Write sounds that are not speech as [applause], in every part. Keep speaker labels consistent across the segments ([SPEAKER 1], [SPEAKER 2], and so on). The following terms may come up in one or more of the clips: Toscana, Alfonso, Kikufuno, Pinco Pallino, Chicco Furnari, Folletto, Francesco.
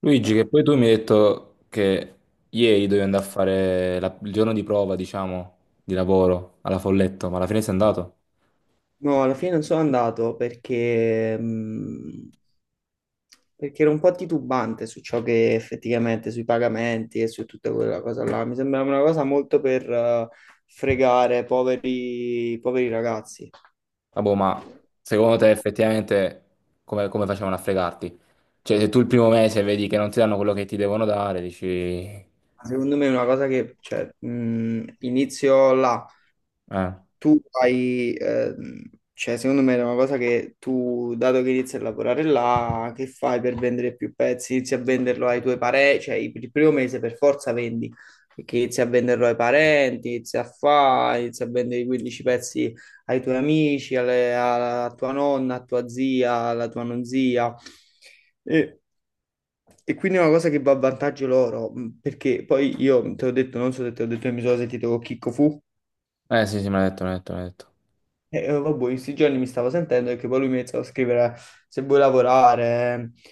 [SPEAKER 1] Luigi, che poi tu mi hai detto che ieri dovevi andare a fare il giorno di prova, diciamo, di lavoro alla Folletto, ma alla fine sei andato?
[SPEAKER 2] No, alla fine non sono andato perché ero un po' titubante su ciò che effettivamente, sui pagamenti e su tutta quella cosa là. Mi sembrava una cosa molto per fregare poveri, poveri ragazzi.
[SPEAKER 1] Vabbè, ma secondo te effettivamente come facevano a fregarti? Cioè, se tu il primo mese vedi che non ti danno quello che ti devono dare, dici...
[SPEAKER 2] Secondo me è una cosa che cioè, inizio là. Tu hai, cioè secondo me è una cosa che tu, dato che inizi a lavorare là, che fai per vendere più pezzi? Inizi a venderlo ai tuoi parenti, cioè il primo mese per forza vendi, perché inizi a venderlo ai parenti, inizi a fare, inizi a vendere i 15 pezzi ai tuoi amici, alla tua nonna, a tua zia, alla tua non zia. E, e quindi è una cosa che va a vantaggio loro, perché poi io te l'ho detto, non so se te l'ho detto, io mi sono sentito con Chicco Fu.
[SPEAKER 1] eh sì, sì, me l'ha detto, me l'ha detto.
[SPEAKER 2] E vabbè, in questi giorni mi stavo sentendo e che poi lui mi iniziava a scrivere se vuoi lavorare,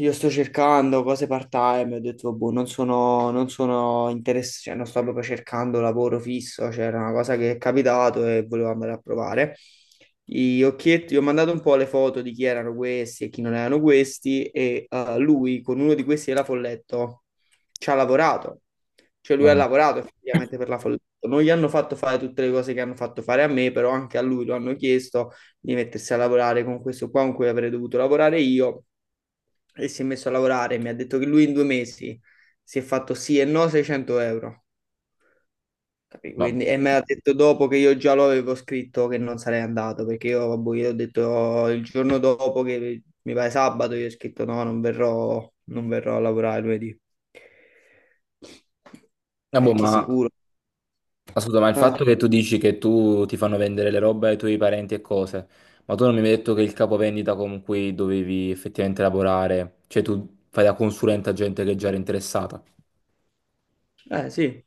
[SPEAKER 2] io sto cercando cose part-time, ho detto, boh, non sono interessato, cioè non sto proprio cercando lavoro fisso, cioè era una cosa che è capitato e volevo andare a provare. Gli occhietti, gli ho mandato un po' le foto di chi erano questi e chi non erano questi e lui con uno di questi della Folletto ci ha lavorato, cioè lui ha
[SPEAKER 1] Eh,
[SPEAKER 2] lavorato effettivamente per la Folletto. Non gli hanno fatto fare tutte le cose che hanno fatto fare a me, però anche a lui lo hanno chiesto di mettersi a lavorare con questo qua con cui avrei dovuto lavorare io e si è messo a lavorare. Mi ha detto che lui in 2 mesi si è fatto sì e no 600 euro. Capì?
[SPEAKER 1] vabbè.
[SPEAKER 2] Quindi, e me l'ha detto dopo che io già lo avevo scritto che non sarei andato perché io, vabbè, io ho detto il giorno dopo che mi pare sabato, io ho scritto no, non verrò, non verrò a lavorare lunedì.
[SPEAKER 1] Vabbè,
[SPEAKER 2] Perché
[SPEAKER 1] ma...
[SPEAKER 2] sicuro.
[SPEAKER 1] Ascolta, ma il
[SPEAKER 2] Ah,
[SPEAKER 1] fatto che tu dici che tu ti fanno vendere le robe ai tuoi parenti e cose, ma tu non mi hai detto che il capovendita con cui dovevi effettivamente lavorare, cioè tu fai da consulente a gente che già era interessata. [laughs]
[SPEAKER 2] eh sì,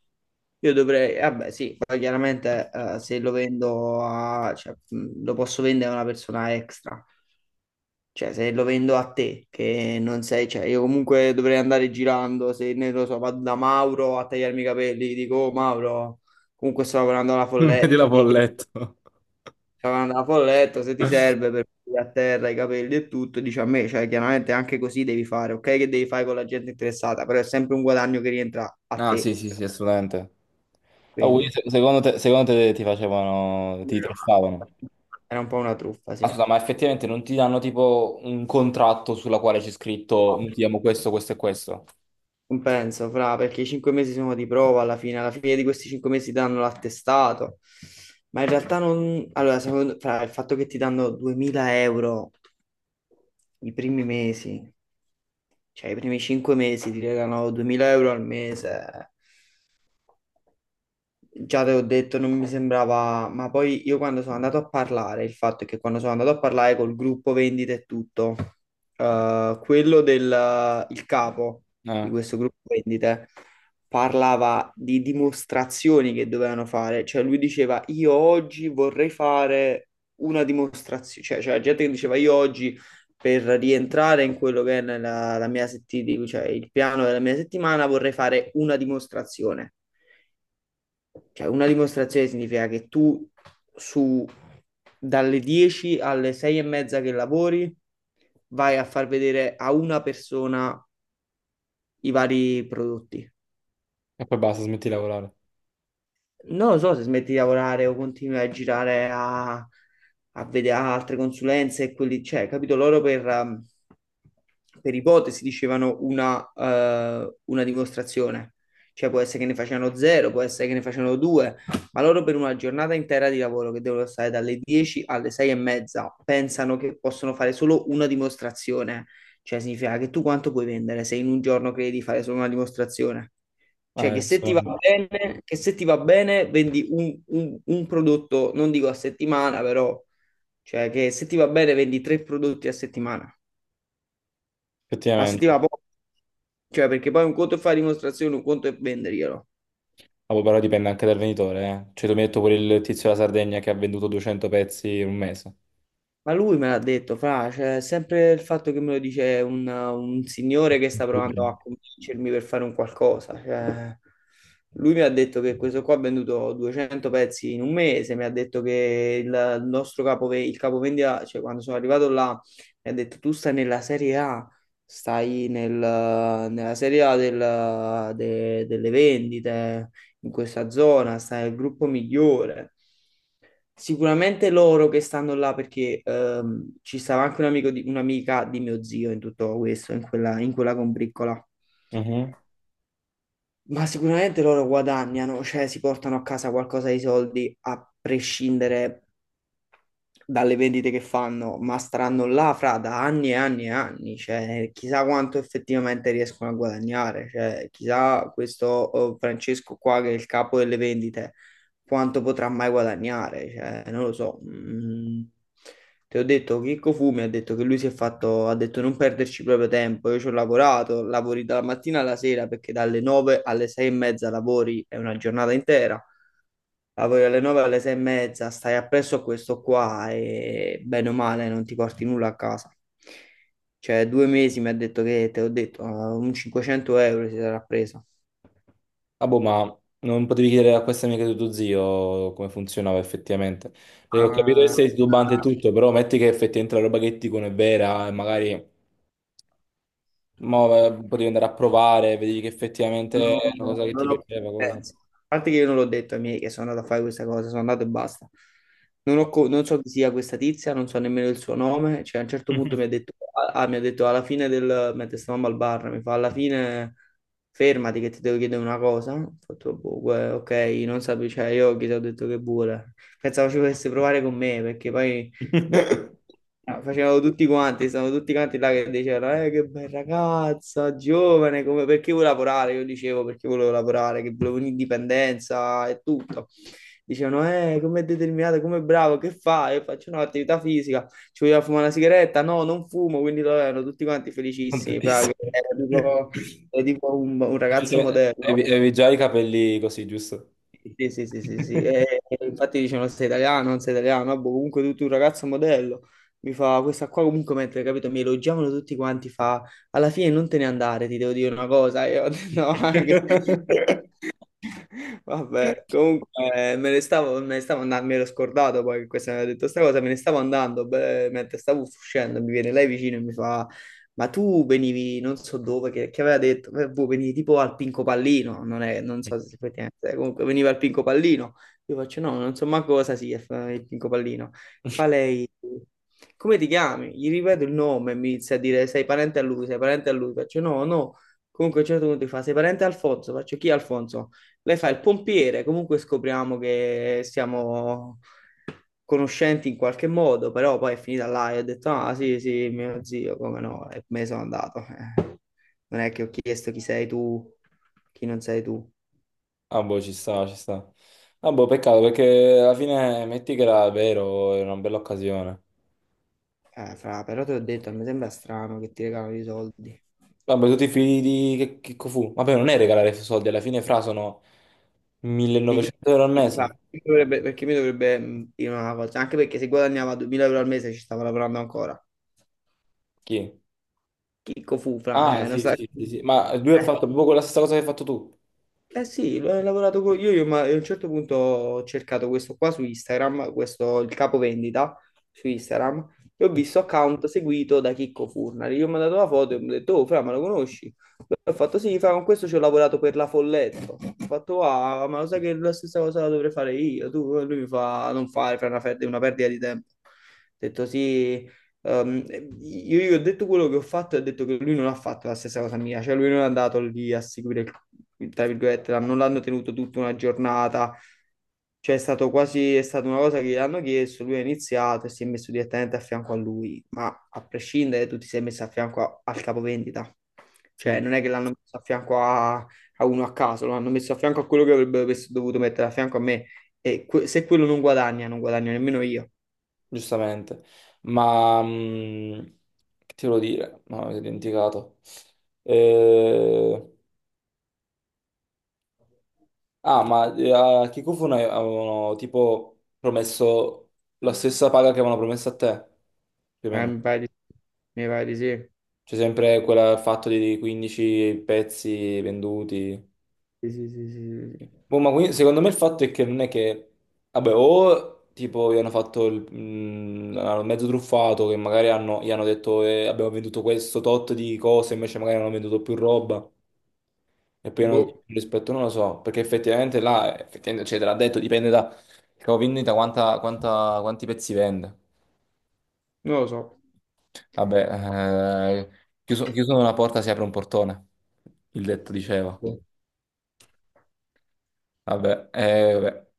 [SPEAKER 2] io dovrei, vabbè sì, poi chiaramente se lo vendo a, cioè, lo posso vendere a una persona extra. Cioè, se lo vendo a te, che non sei, cioè, io comunque dovrei andare girando, se ne lo so, vado da Mauro a tagliarmi i capelli, gli dico, oh Mauro, comunque sto lavorando alla
[SPEAKER 1] Non vedi la
[SPEAKER 2] Folletto, ti
[SPEAKER 1] folletto.
[SPEAKER 2] sto lavorando alla Folletto, se ti serve per pulire a terra i capelli e tutto, dici a me, cioè, chiaramente anche così devi fare, ok, che devi fare con la gente interessata, però è sempre un guadagno che rientra a
[SPEAKER 1] Ah, sì,
[SPEAKER 2] te,
[SPEAKER 1] sì, sì, assolutamente. Ah, quindi
[SPEAKER 2] quindi
[SPEAKER 1] secondo te ti facevano, ti truffavano?
[SPEAKER 2] era un po' una truffa,
[SPEAKER 1] Ascolta, ma effettivamente non ti danno tipo un contratto sulla quale c'è scritto noi ti
[SPEAKER 2] sì.
[SPEAKER 1] diamo questo, questo e questo?
[SPEAKER 2] Non penso, fra, perché i 5 mesi sono di prova alla fine di questi 5 mesi danno l'attestato, ma in realtà non... Allora, fra, il fatto che ti danno 2000 euro i primi mesi, cioè i primi 5 mesi ti regalano 2000 euro al mese. Già te ho detto, non mi sembrava, ma poi io quando sono andato a parlare, il fatto è che quando sono andato a parlare col gruppo vendite e tutto, quello del il capo di
[SPEAKER 1] Eh,
[SPEAKER 2] questo gruppo vendite parlava di dimostrazioni che dovevano fare, cioè lui diceva io oggi vorrei fare una dimostrazione, cioè c'era gente che diceva io oggi per rientrare in quello che è nella, la mia settimana, cioè il piano della mia settimana vorrei fare una dimostrazione. Cioè, una dimostrazione significa che tu su dalle 10 alle 6 e mezza che lavori vai a far vedere a una persona i vari prodotti.
[SPEAKER 1] e poi basta, smetti di lavorare.
[SPEAKER 2] Non lo so se smetti di lavorare o continui a girare a vedere altre consulenze e quelli, cioè, capito? Loro per, per ipotesi dicevano una dimostrazione. Cioè può essere che ne facevano zero, può essere che ne facevano due, ma loro per una giornata intera di lavoro che devono stare dalle 10 alle 6 e mezza pensano che possono fare solo una dimostrazione. Cioè significa che tu quanto puoi vendere se in un giorno credi di fare solo una dimostrazione? Cioè, che se ti va
[SPEAKER 1] Giustamente.
[SPEAKER 2] bene, che se ti va bene, vendi un prodotto, non dico a settimana, però, cioè, che se ti va bene, vendi tre prodotti a settimana. Ma se ti
[SPEAKER 1] Effettivamente.
[SPEAKER 2] va poco, cioè, perché poi un conto è fare dimostrazione, un conto è venderglielo.
[SPEAKER 1] Ah, boh, però dipende anche dal venditore, eh. Cioè, tu mi hai detto pure il tizio della Sardegna che ha venduto 200 pezzi in un mese.
[SPEAKER 2] Ma lui me l'ha detto, fra, cioè, sempre il fatto che me lo dice un signore che sta provando
[SPEAKER 1] [laughs]
[SPEAKER 2] a convincermi per fare un qualcosa. Cioè, lui mi ha detto che questo qua ha venduto 200 pezzi in un mese, mi ha detto che il nostro capo, il capovendita, cioè quando sono arrivato là, mi ha detto tu stai nella Serie A, stai nella Serie A delle vendite in questa zona, sta nel gruppo migliore. Sicuramente loro che stanno là perché ci stava anche un amico di, un'amica di mio zio in tutto questo, in quella, combriccola.
[SPEAKER 1] Mhm.
[SPEAKER 2] Ma sicuramente loro guadagnano, cioè si portano a casa qualcosa di soldi a prescindere dalle vendite che fanno, ma staranno là fra da anni e anni e anni, cioè chissà quanto effettivamente riescono a guadagnare, cioè chissà questo Francesco qua che è il capo delle vendite quanto potrà mai guadagnare, cioè non lo so. Mm. Ti ho detto, Chicco Fumi ha detto che lui si è fatto, ha detto non perderci proprio tempo, io ci ho lavorato, lavori dalla mattina alla sera perché dalle 9 alle 6 e mezza lavori, è una giornata intera. Lavori alle 9 alle 6 e mezza, stai appresso a questo qua e bene o male non ti porti nulla a casa. Cioè, 2 mesi mi ha detto che, te l'ho detto, un 500 euro si sarà preso.
[SPEAKER 1] Ah, boh, ma non potevi chiedere a questa amica di tuo zio come funzionava effettivamente? Perché ho capito che
[SPEAKER 2] Ah,
[SPEAKER 1] sei titubante e tutto, però metti che effettivamente la roba che ti dicono è vera e magari mo, potevi andare a provare, vedi che
[SPEAKER 2] non
[SPEAKER 1] effettivamente
[SPEAKER 2] ho,
[SPEAKER 1] è una cosa che ti
[SPEAKER 2] non ho
[SPEAKER 1] piaceva, cosa.
[SPEAKER 2] competenze. A parte che io non l'ho detto ai miei che sono andato a fare questa cosa, sono andato e basta. Non ho co- Non so chi sia questa tizia, non so nemmeno il suo nome. Cioè, a un certo punto mi ha detto, ah, mi ha detto alla fine mentre stavamo al bar, mi fa alla fine fermati che ti devo chiedere una cosa. Ho fatto, boh, ok, non sapevo, cioè io gli ho detto che vuole. Pensavo ci volesse provare con me,
[SPEAKER 1] [laughs]
[SPEAKER 2] Ah, facevano tutti quanti, stavano tutti quanti là che dicevano, che bella ragazza, giovane, come, perché vuoi lavorare? Io dicevo, perché volevo lavorare, che volevo un'indipendenza e tutto. Dicevano, come determinato, come bravo, che fai? Io faccio no, attività fisica, ci vogliamo fumare una sigaretta? No, non fumo, quindi lo erano tutti quanti felicissimi, fra, che
[SPEAKER 1] Contentissimo.
[SPEAKER 2] era tipo un ragazzo modello.
[SPEAKER 1] Avevi già i capelli così, giusto?
[SPEAKER 2] Sì, sì, sì,
[SPEAKER 1] [laughs]
[SPEAKER 2] sì, sì. E infatti dicevano sei italiano, non sei italiano, ah, boh, comunque tu, tu un ragazzo modello, mi fa questa qua comunque mentre, capito, mi elogiavano tutti quanti, fa alla fine non te ne andare, ti devo dire una cosa, e io ho detto no, [laughs] Vabbè, comunque me ne stavo andando, mi ero scordato poi che questa mi aveva detto sta cosa, me ne stavo andando, beh, mentre stavo uscendo mi viene lei vicino e mi fa, ma tu venivi non so dove, che aveva detto, boh, venivi tipo al Pinco Pallino, non, è, non so se si può dire, comunque veniva al Pinco Pallino, io faccio no, non so ma cosa sia il Pinco Pallino, fa lei, come ti chiami? Gli ripeto il nome e mi inizia a dire sei parente a lui, sei parente a lui, faccio no, no, comunque a un certo punto mi fa sei parente a Alfonso, faccio chi è Alfonso? Lei fa il pompiere, comunque scopriamo che siamo conoscenti in qualche modo, però poi è finita là e ho detto, ah sì, sì, mio zio, come no, e me ne sono andato. Non è che ho chiesto chi sei tu, chi non sei tu.
[SPEAKER 1] Ah, boh, ci sta, ci sta. Ah, boh, peccato perché alla fine metti che era vero, era una bella occasione.
[SPEAKER 2] Fra, però ti ho detto, mi sembra strano che ti regalano i soldi.
[SPEAKER 1] Vabbè, tutti i figli di che fu? Vabbè, non è regalare soldi, alla fine fra sono
[SPEAKER 2] Di chi?
[SPEAKER 1] 1900 euro al
[SPEAKER 2] Sì, fra,
[SPEAKER 1] mese.
[SPEAKER 2] perché mi dovrebbe dire una cosa? Anche perché se guadagnava 2000 euro al mese ci stavo lavorando ancora.
[SPEAKER 1] Chi?
[SPEAKER 2] Chicco fu,
[SPEAKER 1] Ah,
[SPEAKER 2] fra, non
[SPEAKER 1] sì,
[SPEAKER 2] sai.
[SPEAKER 1] sì, sì, sì. Ma lui ha fatto proprio la stessa cosa che hai fatto tu.
[SPEAKER 2] Eh sì, ho lavorato con io, ma a un certo punto ho cercato questo qua su Instagram, questo il capo vendita su Instagram, e ho visto account seguito da Chicco Furnari. Io mi ho mandato la foto e mi ho detto, oh, Fra, ma lo conosci? Ho fatto sì, Fra, con questo ci ho lavorato per la Folletto. Ho fatto, ah, ma lo sai che la stessa cosa la dovrei fare io? Tu, e lui mi fa, non fare, Fra, è una è una perdita di tempo. Ho detto sì, e io gli ho detto quello che ho fatto e ho detto che lui non ha fatto la stessa cosa mia, cioè lui non è andato lì a seguire, tra virgolette, non l'hanno tenuto tutta una giornata, cioè è stato quasi, è stata una cosa che gli hanno chiesto, lui ha iniziato e si è messo direttamente a fianco a lui, ma a prescindere tu ti sei messo a fianco al capovendita,
[SPEAKER 1] Sì,
[SPEAKER 2] cioè non è che l'hanno messo a fianco a, uno a caso, l'hanno messo a fianco a quello che avrebbero dovuto mettere a fianco a me e se quello non guadagna, non guadagno nemmeno io.
[SPEAKER 1] giustamente. Ma che ti volevo dire? No, mi sono dimenticato. Eh... Ah, ma a Kikufuno avevano tipo promesso la stessa paga che avevano promesso a te, più o
[SPEAKER 2] Eh,
[SPEAKER 1] meno.
[SPEAKER 2] mi pare di mi pare di sì.
[SPEAKER 1] C'è sempre quel fatto di 15 pezzi venduti.
[SPEAKER 2] Sì, sì, sì, sì, sì. Sì.
[SPEAKER 1] Boh, ma quindi, secondo me il fatto è che non è che... Vabbè, o tipo gli hanno fatto il mm, hanno mezzo truffato, che magari gli hanno detto abbiamo venduto questo tot di cose, invece magari hanno venduto più roba. E poi hanno dato di
[SPEAKER 2] Boh,
[SPEAKER 1] più rispetto, non lo so, perché effettivamente là, effettivamente, cioè, te l'ha detto, dipende da vendita, quanti pezzi vende.
[SPEAKER 2] non lo so.
[SPEAKER 1] Vabbè, chiuso una porta si apre un portone, il detto diceva. Vabbè, vabbè.